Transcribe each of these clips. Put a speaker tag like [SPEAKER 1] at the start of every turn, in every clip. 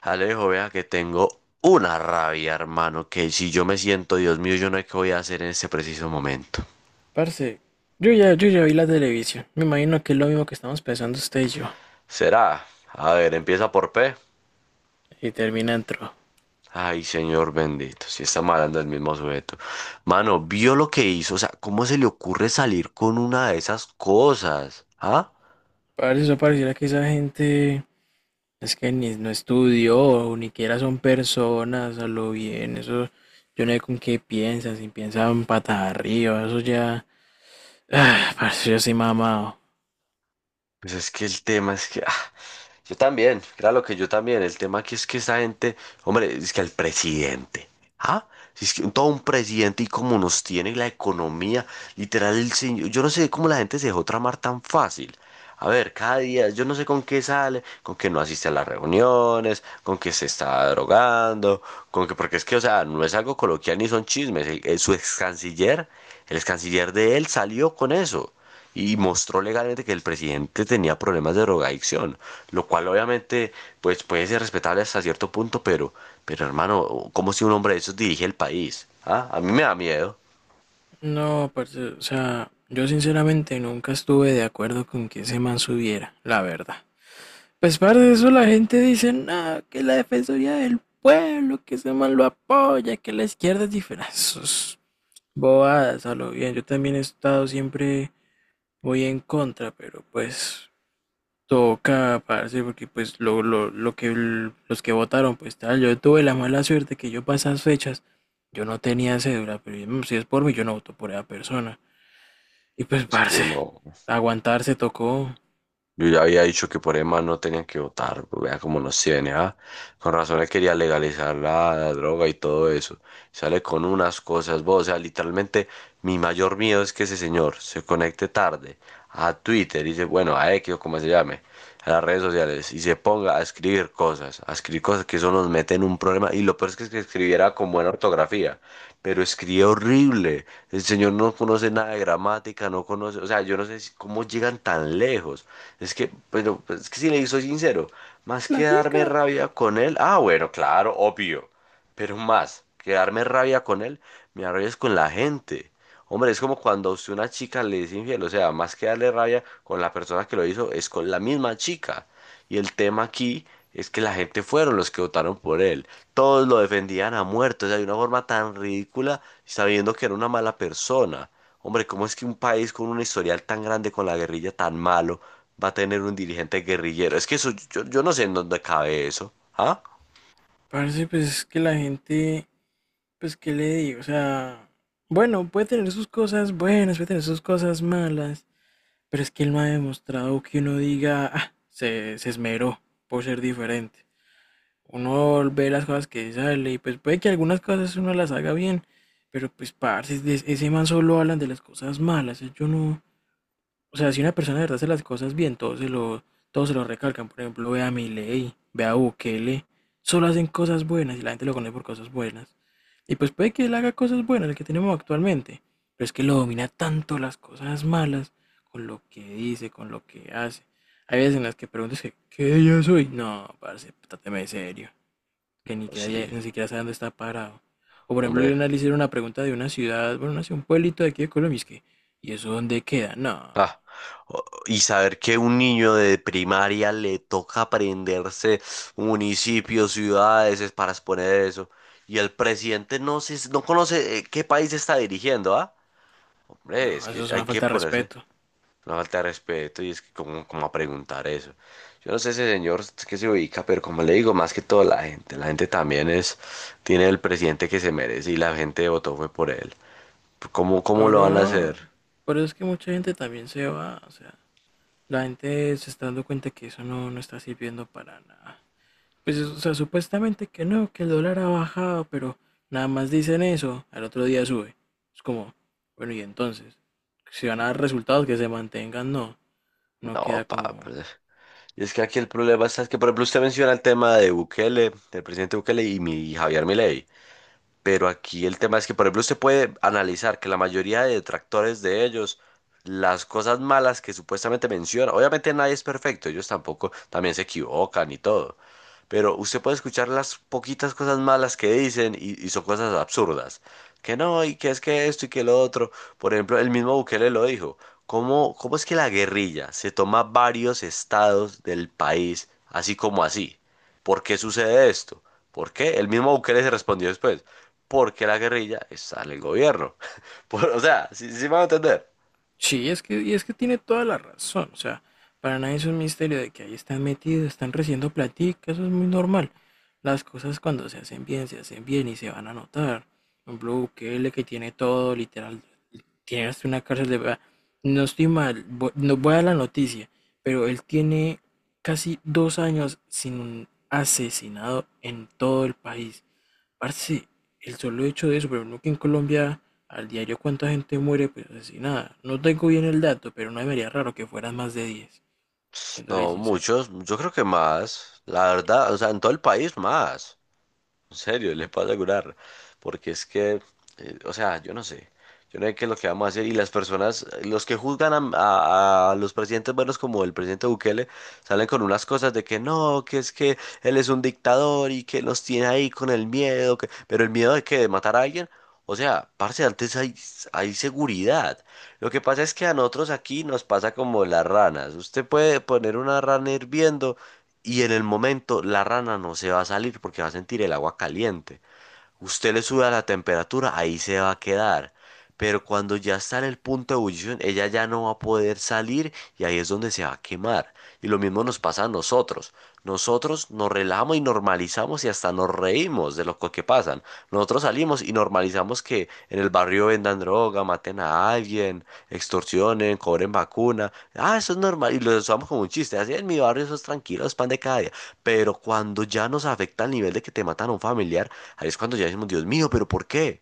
[SPEAKER 1] Alejo, vea que tengo una rabia, hermano, que si yo me siento, Dios mío, yo no sé qué voy a hacer en este preciso momento.
[SPEAKER 2] Parce, yo ya vi la televisión. Me imagino que es lo mismo que estamos pensando usted y yo.
[SPEAKER 1] ¿Será? A ver, empieza por P.
[SPEAKER 2] Y termina entró.
[SPEAKER 1] Ay, señor bendito, si está malando el mismo sujeto. Mano, vio lo que hizo, o sea, ¿cómo se le ocurre salir con una de esas cosas? ¿Ah?
[SPEAKER 2] Parce, eso pareciera que esa gente es que ni no estudió, ni siquiera son personas, a lo bien. Eso, yo no sé con qué piensan, si piensan patas arriba, eso ya. Ah, parce, yo soy mamado.
[SPEAKER 1] Pues es que el tema es que, yo también, claro que yo también. El tema aquí es que esa gente, hombre, es que el presidente, ¿ah? Si es que todo un presidente y como nos tiene la economía, literal, el señor, yo no sé cómo la gente se dejó tramar tan fácil. A ver, cada día, yo no sé con qué sale, con que no asiste a las reuniones, con que se está drogando, con que, porque es que, o sea, no es algo coloquial ni son chismes. Su ex canciller, el ex canciller de él salió con eso y mostró legalmente que el presidente tenía problemas de drogadicción, lo cual obviamente pues puede ser respetable hasta cierto punto, pero hermano, ¿cómo si un hombre de esos dirige el país? ¿Ah? A mí me da miedo.
[SPEAKER 2] No, parce, o sea, yo sinceramente nunca estuve de acuerdo con que ese man subiera, la verdad. Pues par de eso la gente dice, no, que la Defensoría del Pueblo, que ese man lo apoya, que la izquierda es diferente. Ah, sus bobadas, a lo bien. Yo también he estado siempre muy en contra, pero pues toca, parce, porque pues lo que los que votaron, pues tal, yo tuve la mala suerte que yo para esas fechas, yo no tenía cédula, pero si es por mí, yo no voto por esa persona. Y pues,
[SPEAKER 1] Es
[SPEAKER 2] parce,
[SPEAKER 1] que no,
[SPEAKER 2] aguantarse tocó.
[SPEAKER 1] yo ya había dicho que por EMA no tenían que votar, pues, vea cómo nos tiene, ¿ah? Con razón él quería legalizar la droga y todo eso. Sale con unas cosas, vos, o sea, literalmente mi mayor miedo es que ese señor se conecte tarde a Twitter y dice, bueno, a X o como se llame, a las redes sociales y se ponga a escribir cosas que eso nos mete en un problema. Y lo peor es que escribiera con buena ortografía, pero escribe horrible. El señor no conoce nada de gramática, no conoce, o sea, yo no sé cómo llegan tan lejos. Es que, pero pues, es que si le soy sincero, más que darme
[SPEAKER 2] Platica.
[SPEAKER 1] rabia con él, ah, bueno, claro, obvio, pero más que darme rabia con él, me da rabia es con la gente. Hombre, es como cuando a usted una chica le es infiel, o sea, más que darle rabia con la persona que lo hizo, es con la misma chica. Y el tema aquí es que la gente fueron los que votaron por él. Todos lo defendían a muerto, o sea, de una forma tan ridícula, sabiendo que era una mala persona. Hombre, ¿cómo es que un país con un historial tan grande con la guerrilla tan malo va a tener un dirigente guerrillero? Es que eso, yo no sé en dónde cabe eso. ¿Ah?
[SPEAKER 2] Parce, pues es que la gente pues, ¿qué le digo? O sea, bueno, puede tener sus cosas buenas, puede tener sus cosas malas, pero es que él no ha demostrado que uno diga, ah, se esmeró por ser diferente. Uno ve las cosas que sale y pues puede que algunas cosas uno las haga bien, pero pues, parce, es ese man solo hablan de las cosas malas, yo no, o sea, si una persona de verdad hace las cosas bien, todos se lo recalcan. Por ejemplo, ve a Milei, ve a Bukele. Solo hacen cosas buenas y la gente lo conoce por cosas buenas. Y pues puede que él haga cosas buenas, el que tenemos actualmente. Pero es que lo domina tanto las cosas malas, con lo que dice, con lo que hace. Hay veces en las que preguntas que, ¿qué yo soy? No, parce, tráteme de serio. Que
[SPEAKER 1] Sí,
[SPEAKER 2] ni siquiera sabe dónde está parado. O por ejemplo, le
[SPEAKER 1] hombre.
[SPEAKER 2] analicé una pregunta de una ciudad, bueno, no sé, un pueblito de aquí de Colombia, y es que, ¿y eso dónde queda? No.
[SPEAKER 1] Ah. O- y saber que un niño de primaria le toca aprenderse municipios, ciudades, es para exponer eso. Y el presidente no conoce qué país está dirigiendo, ¿ah? Hombre,
[SPEAKER 2] No,
[SPEAKER 1] es
[SPEAKER 2] eso
[SPEAKER 1] que
[SPEAKER 2] es
[SPEAKER 1] hay
[SPEAKER 2] una
[SPEAKER 1] que
[SPEAKER 2] falta de
[SPEAKER 1] ponerse.
[SPEAKER 2] respeto.
[SPEAKER 1] Una falta de respeto y es que como, como a preguntar eso. Yo no sé ese señor que se ubica, pero como le digo, más que todo la gente. La gente también es, tiene el presidente que se merece y la gente votó fue por él. ¿Cómo, cómo lo van a
[SPEAKER 2] Ahora,
[SPEAKER 1] hacer?
[SPEAKER 2] pero es que mucha gente también se va, o sea, la gente se está dando cuenta que eso no está sirviendo para nada. Pues, o sea, supuestamente que no, que el dólar ha bajado, pero nada más dicen eso, al otro día sube. Es como, bueno, y entonces, si van a dar resultados que se mantengan, no queda
[SPEAKER 1] No, pa,
[SPEAKER 2] como,
[SPEAKER 1] pues, y es que aquí el problema está es que, por ejemplo, usted menciona el tema de Bukele, del presidente Bukele y Javier Milei. Pero aquí el tema es que, por ejemplo, usted puede analizar que la mayoría de detractores de ellos, las cosas malas que supuestamente mencionan obviamente nadie es perfecto, ellos tampoco también se equivocan y todo. Pero usted puede escuchar las poquitas cosas malas que dicen y son cosas absurdas. Que no, y que es que esto y que lo otro. Por ejemplo, el mismo Bukele lo dijo. ¿Cómo, cómo es que la guerrilla se toma varios estados del país así como así? ¿Por qué sucede esto? ¿Por qué? El mismo Bukele se respondió después porque la guerrilla está en el gobierno. Por- o sea, sí, sí me van a entender.
[SPEAKER 2] sí, es que, y es que tiene toda la razón. O sea, para nadie es un misterio de que ahí están metidos, están recibiendo platica, eso es muy normal. Las cosas cuando se hacen bien y se van a notar. Por ejemplo, Bukele que tiene todo, literal, tiene hasta una cárcel de verdad. No estoy mal, no voy a la noticia, pero él tiene casi dos años sin un asesinado en todo el país. Parce, el solo hecho de eso, pero no que en Colombia al diario cuánta gente muere, pues asesinada. No tengo bien el dato, pero no me haría raro que fueran más de 10, siéndole
[SPEAKER 1] No,
[SPEAKER 2] sincero.
[SPEAKER 1] muchos, yo creo que más, la verdad, o sea, en todo el país más. En serio, le pasa a curar. Porque es que, o sea, yo no sé. Yo no sé qué es lo que vamos a hacer. Y las personas, los que juzgan a, a los presidentes buenos como el presidente Bukele, salen con unas cosas de que no, que es que él es un dictador y que los tiene ahí con el miedo. Que- Pero el miedo de que de matar a alguien. O sea, parce, antes hay, hay seguridad. Lo que pasa es que a nosotros aquí nos pasa como las ranas. Usted puede poner una rana hirviendo y en el momento la rana no se va a salir porque va a sentir el agua caliente. Usted le sube a la temperatura, ahí se va a quedar. Pero cuando ya está en el punto de ebullición, ella ya no va a poder salir y ahí es donde se va a quemar. Y lo mismo nos pasa a nosotros. Nosotros nos relajamos y normalizamos y hasta nos reímos de que pasan. Nosotros salimos y normalizamos que en el barrio vendan droga, maten a alguien, extorsionen, cobren vacuna. Ah, eso es normal. Y lo usamos como un chiste. Así en mi barrio eso es tranquilo, es pan de cada día. Pero cuando ya nos afecta al nivel de que te matan a un familiar, ahí es cuando ya decimos, Dios mío, ¿pero por qué?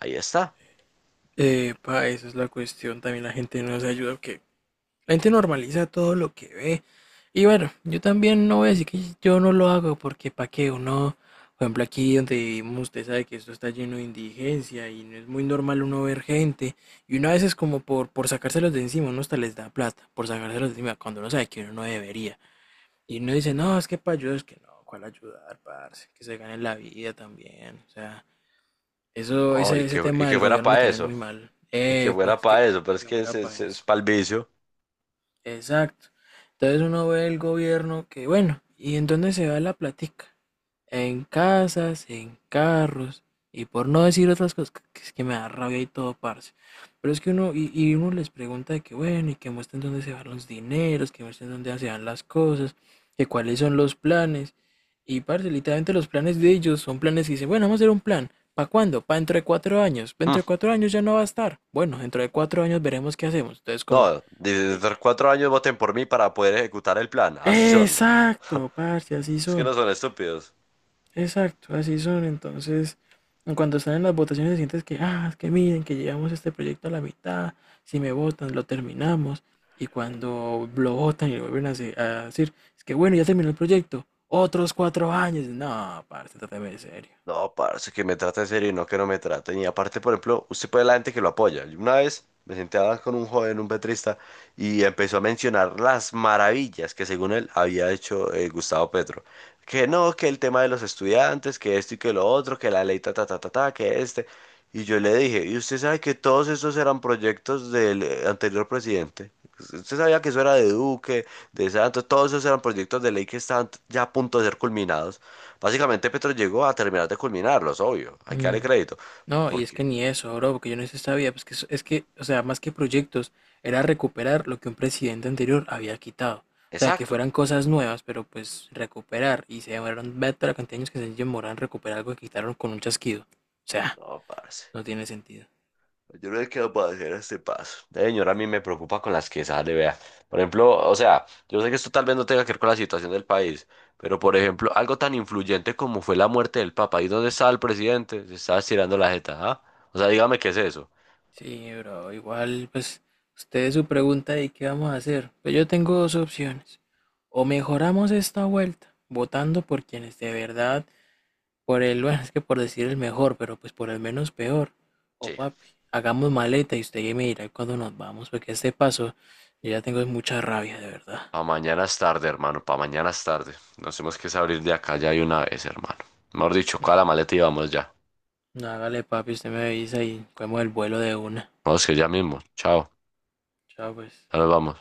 [SPEAKER 1] Ahí está.
[SPEAKER 2] Pa, esa es la cuestión, también la gente no se ayuda, que la gente normaliza todo lo que ve. Y bueno, yo también no voy a decir que yo no lo hago porque para qué uno, por ejemplo, aquí donde vivimos, usted sabe que esto está lleno de indigencia y no es muy normal uno ver gente. Y uno a veces como por sacárselos de encima, uno hasta les da plata por sacárselos de encima cuando uno sabe que uno no debería. Y uno dice, no, es que para ayudar, es que no, ¿cuál ayudar, parce? Que se gane la vida también. O sea, eso,
[SPEAKER 1] No,
[SPEAKER 2] ese
[SPEAKER 1] y
[SPEAKER 2] tema
[SPEAKER 1] que
[SPEAKER 2] del
[SPEAKER 1] fuera
[SPEAKER 2] gobierno lo
[SPEAKER 1] para
[SPEAKER 2] tienen
[SPEAKER 1] eso.
[SPEAKER 2] muy mal.
[SPEAKER 1] Y que
[SPEAKER 2] Epa,
[SPEAKER 1] fuera para eso, pero es
[SPEAKER 2] que
[SPEAKER 1] que
[SPEAKER 2] muera para
[SPEAKER 1] es
[SPEAKER 2] eso.
[SPEAKER 1] pa'l vicio.
[SPEAKER 2] Exacto. Entonces uno ve el gobierno que, bueno, ¿y en dónde se va la platica? En casas, en carros, y por no decir otras cosas, que es que me da rabia y todo, parce. Pero es que uno, y uno les pregunta de que, bueno, y que muestren dónde se van los dineros, que muestren dónde se van las cosas, que cuáles son los planes. Y, parce, literalmente los planes de ellos son planes que dicen, bueno, vamos a hacer un plan. ¿Para cuándo? Para dentro de cuatro años.
[SPEAKER 1] Mm,
[SPEAKER 2] Dentro de cuatro años ya no va a estar. Bueno, dentro de cuatro años veremos qué hacemos. Entonces, como,
[SPEAKER 1] no, desde
[SPEAKER 2] oiga.
[SPEAKER 1] cuatro años voten por mí para poder ejecutar el plan. Así son.
[SPEAKER 2] Exacto, parce, así
[SPEAKER 1] Es que no
[SPEAKER 2] son.
[SPEAKER 1] son estúpidos.
[SPEAKER 2] Exacto, así son. Entonces, en cuanto están en las votaciones, sientes que, ah, es que miren, que llevamos este proyecto a la mitad, si me votan, lo terminamos. Y cuando lo votan y lo vuelven a decir, es que bueno, ya terminó el proyecto, otros cuatro años. No, parce, trátame de serio.
[SPEAKER 1] No, parce, que me trate en serio y no que no me traten. Y aparte, por ejemplo, usted puede la gente que lo apoya. Yo una vez me senté a hablar con un joven, un petrista, y empezó a mencionar las maravillas que según él había hecho Gustavo Petro. Que no, que el tema de los estudiantes, que esto y que lo otro, que la ley ta ta ta ta ta, que este. Y yo le dije, ¿y usted sabe que todos esos eran proyectos del anterior presidente? Usted sabía que eso era de Duque, de Santos, todos esos eran proyectos de ley que estaban ya a punto de ser culminados. Básicamente Petro llegó a terminar de culminarlos, obvio. Hay que darle
[SPEAKER 2] Mm.
[SPEAKER 1] crédito.
[SPEAKER 2] No, y es
[SPEAKER 1] Porque,
[SPEAKER 2] que ni eso, bro, porque yo no sé si sabía, pues que es que, o sea, más que proyectos, era recuperar lo que un presidente anterior había quitado. O sea, que
[SPEAKER 1] exacto.
[SPEAKER 2] fueran cosas nuevas, pero pues recuperar. Y se demoraron, ve toda la cantidad de años que se demoraron en recuperar algo que quitaron con un chasquido. O sea,
[SPEAKER 1] No, parce.
[SPEAKER 2] no tiene sentido.
[SPEAKER 1] Yo no he quedado para hacer este paso. La señora a mí me preocupa con las que sale, vea. Por ejemplo, o sea, yo sé que esto tal vez no tenga que ver con la situación del país, pero por ejemplo, algo tan influyente como fue la muerte del Papa. ¿Y dónde está el presidente? Se está estirando la jeta, ¿ah? O sea, dígame qué es eso.
[SPEAKER 2] Sí, bro, igual, pues, ustedes su pregunta de qué vamos a hacer. Pues yo tengo dos opciones. O mejoramos esta vuelta, votando por quienes de verdad. Por el, bueno, es que por decir el mejor, pero pues por el menos peor. O
[SPEAKER 1] Sí.
[SPEAKER 2] papi, hagamos maleta y usted ya me dirá cuándo nos vamos, porque a este paso yo ya tengo mucha rabia, de verdad.
[SPEAKER 1] Pa' mañana es tarde, hermano. Pa' mañana es tarde. Nos tenemos que salir de acá ya de una vez, hermano. Mejor dicho,
[SPEAKER 2] No,
[SPEAKER 1] coja la maleta y vamos ya.
[SPEAKER 2] no, hágale, papi, usted me avisa y cogemos el vuelo de una.
[SPEAKER 1] Vamos que ya mismo. Chao.
[SPEAKER 2] Chao, pues.
[SPEAKER 1] Ahora vamos.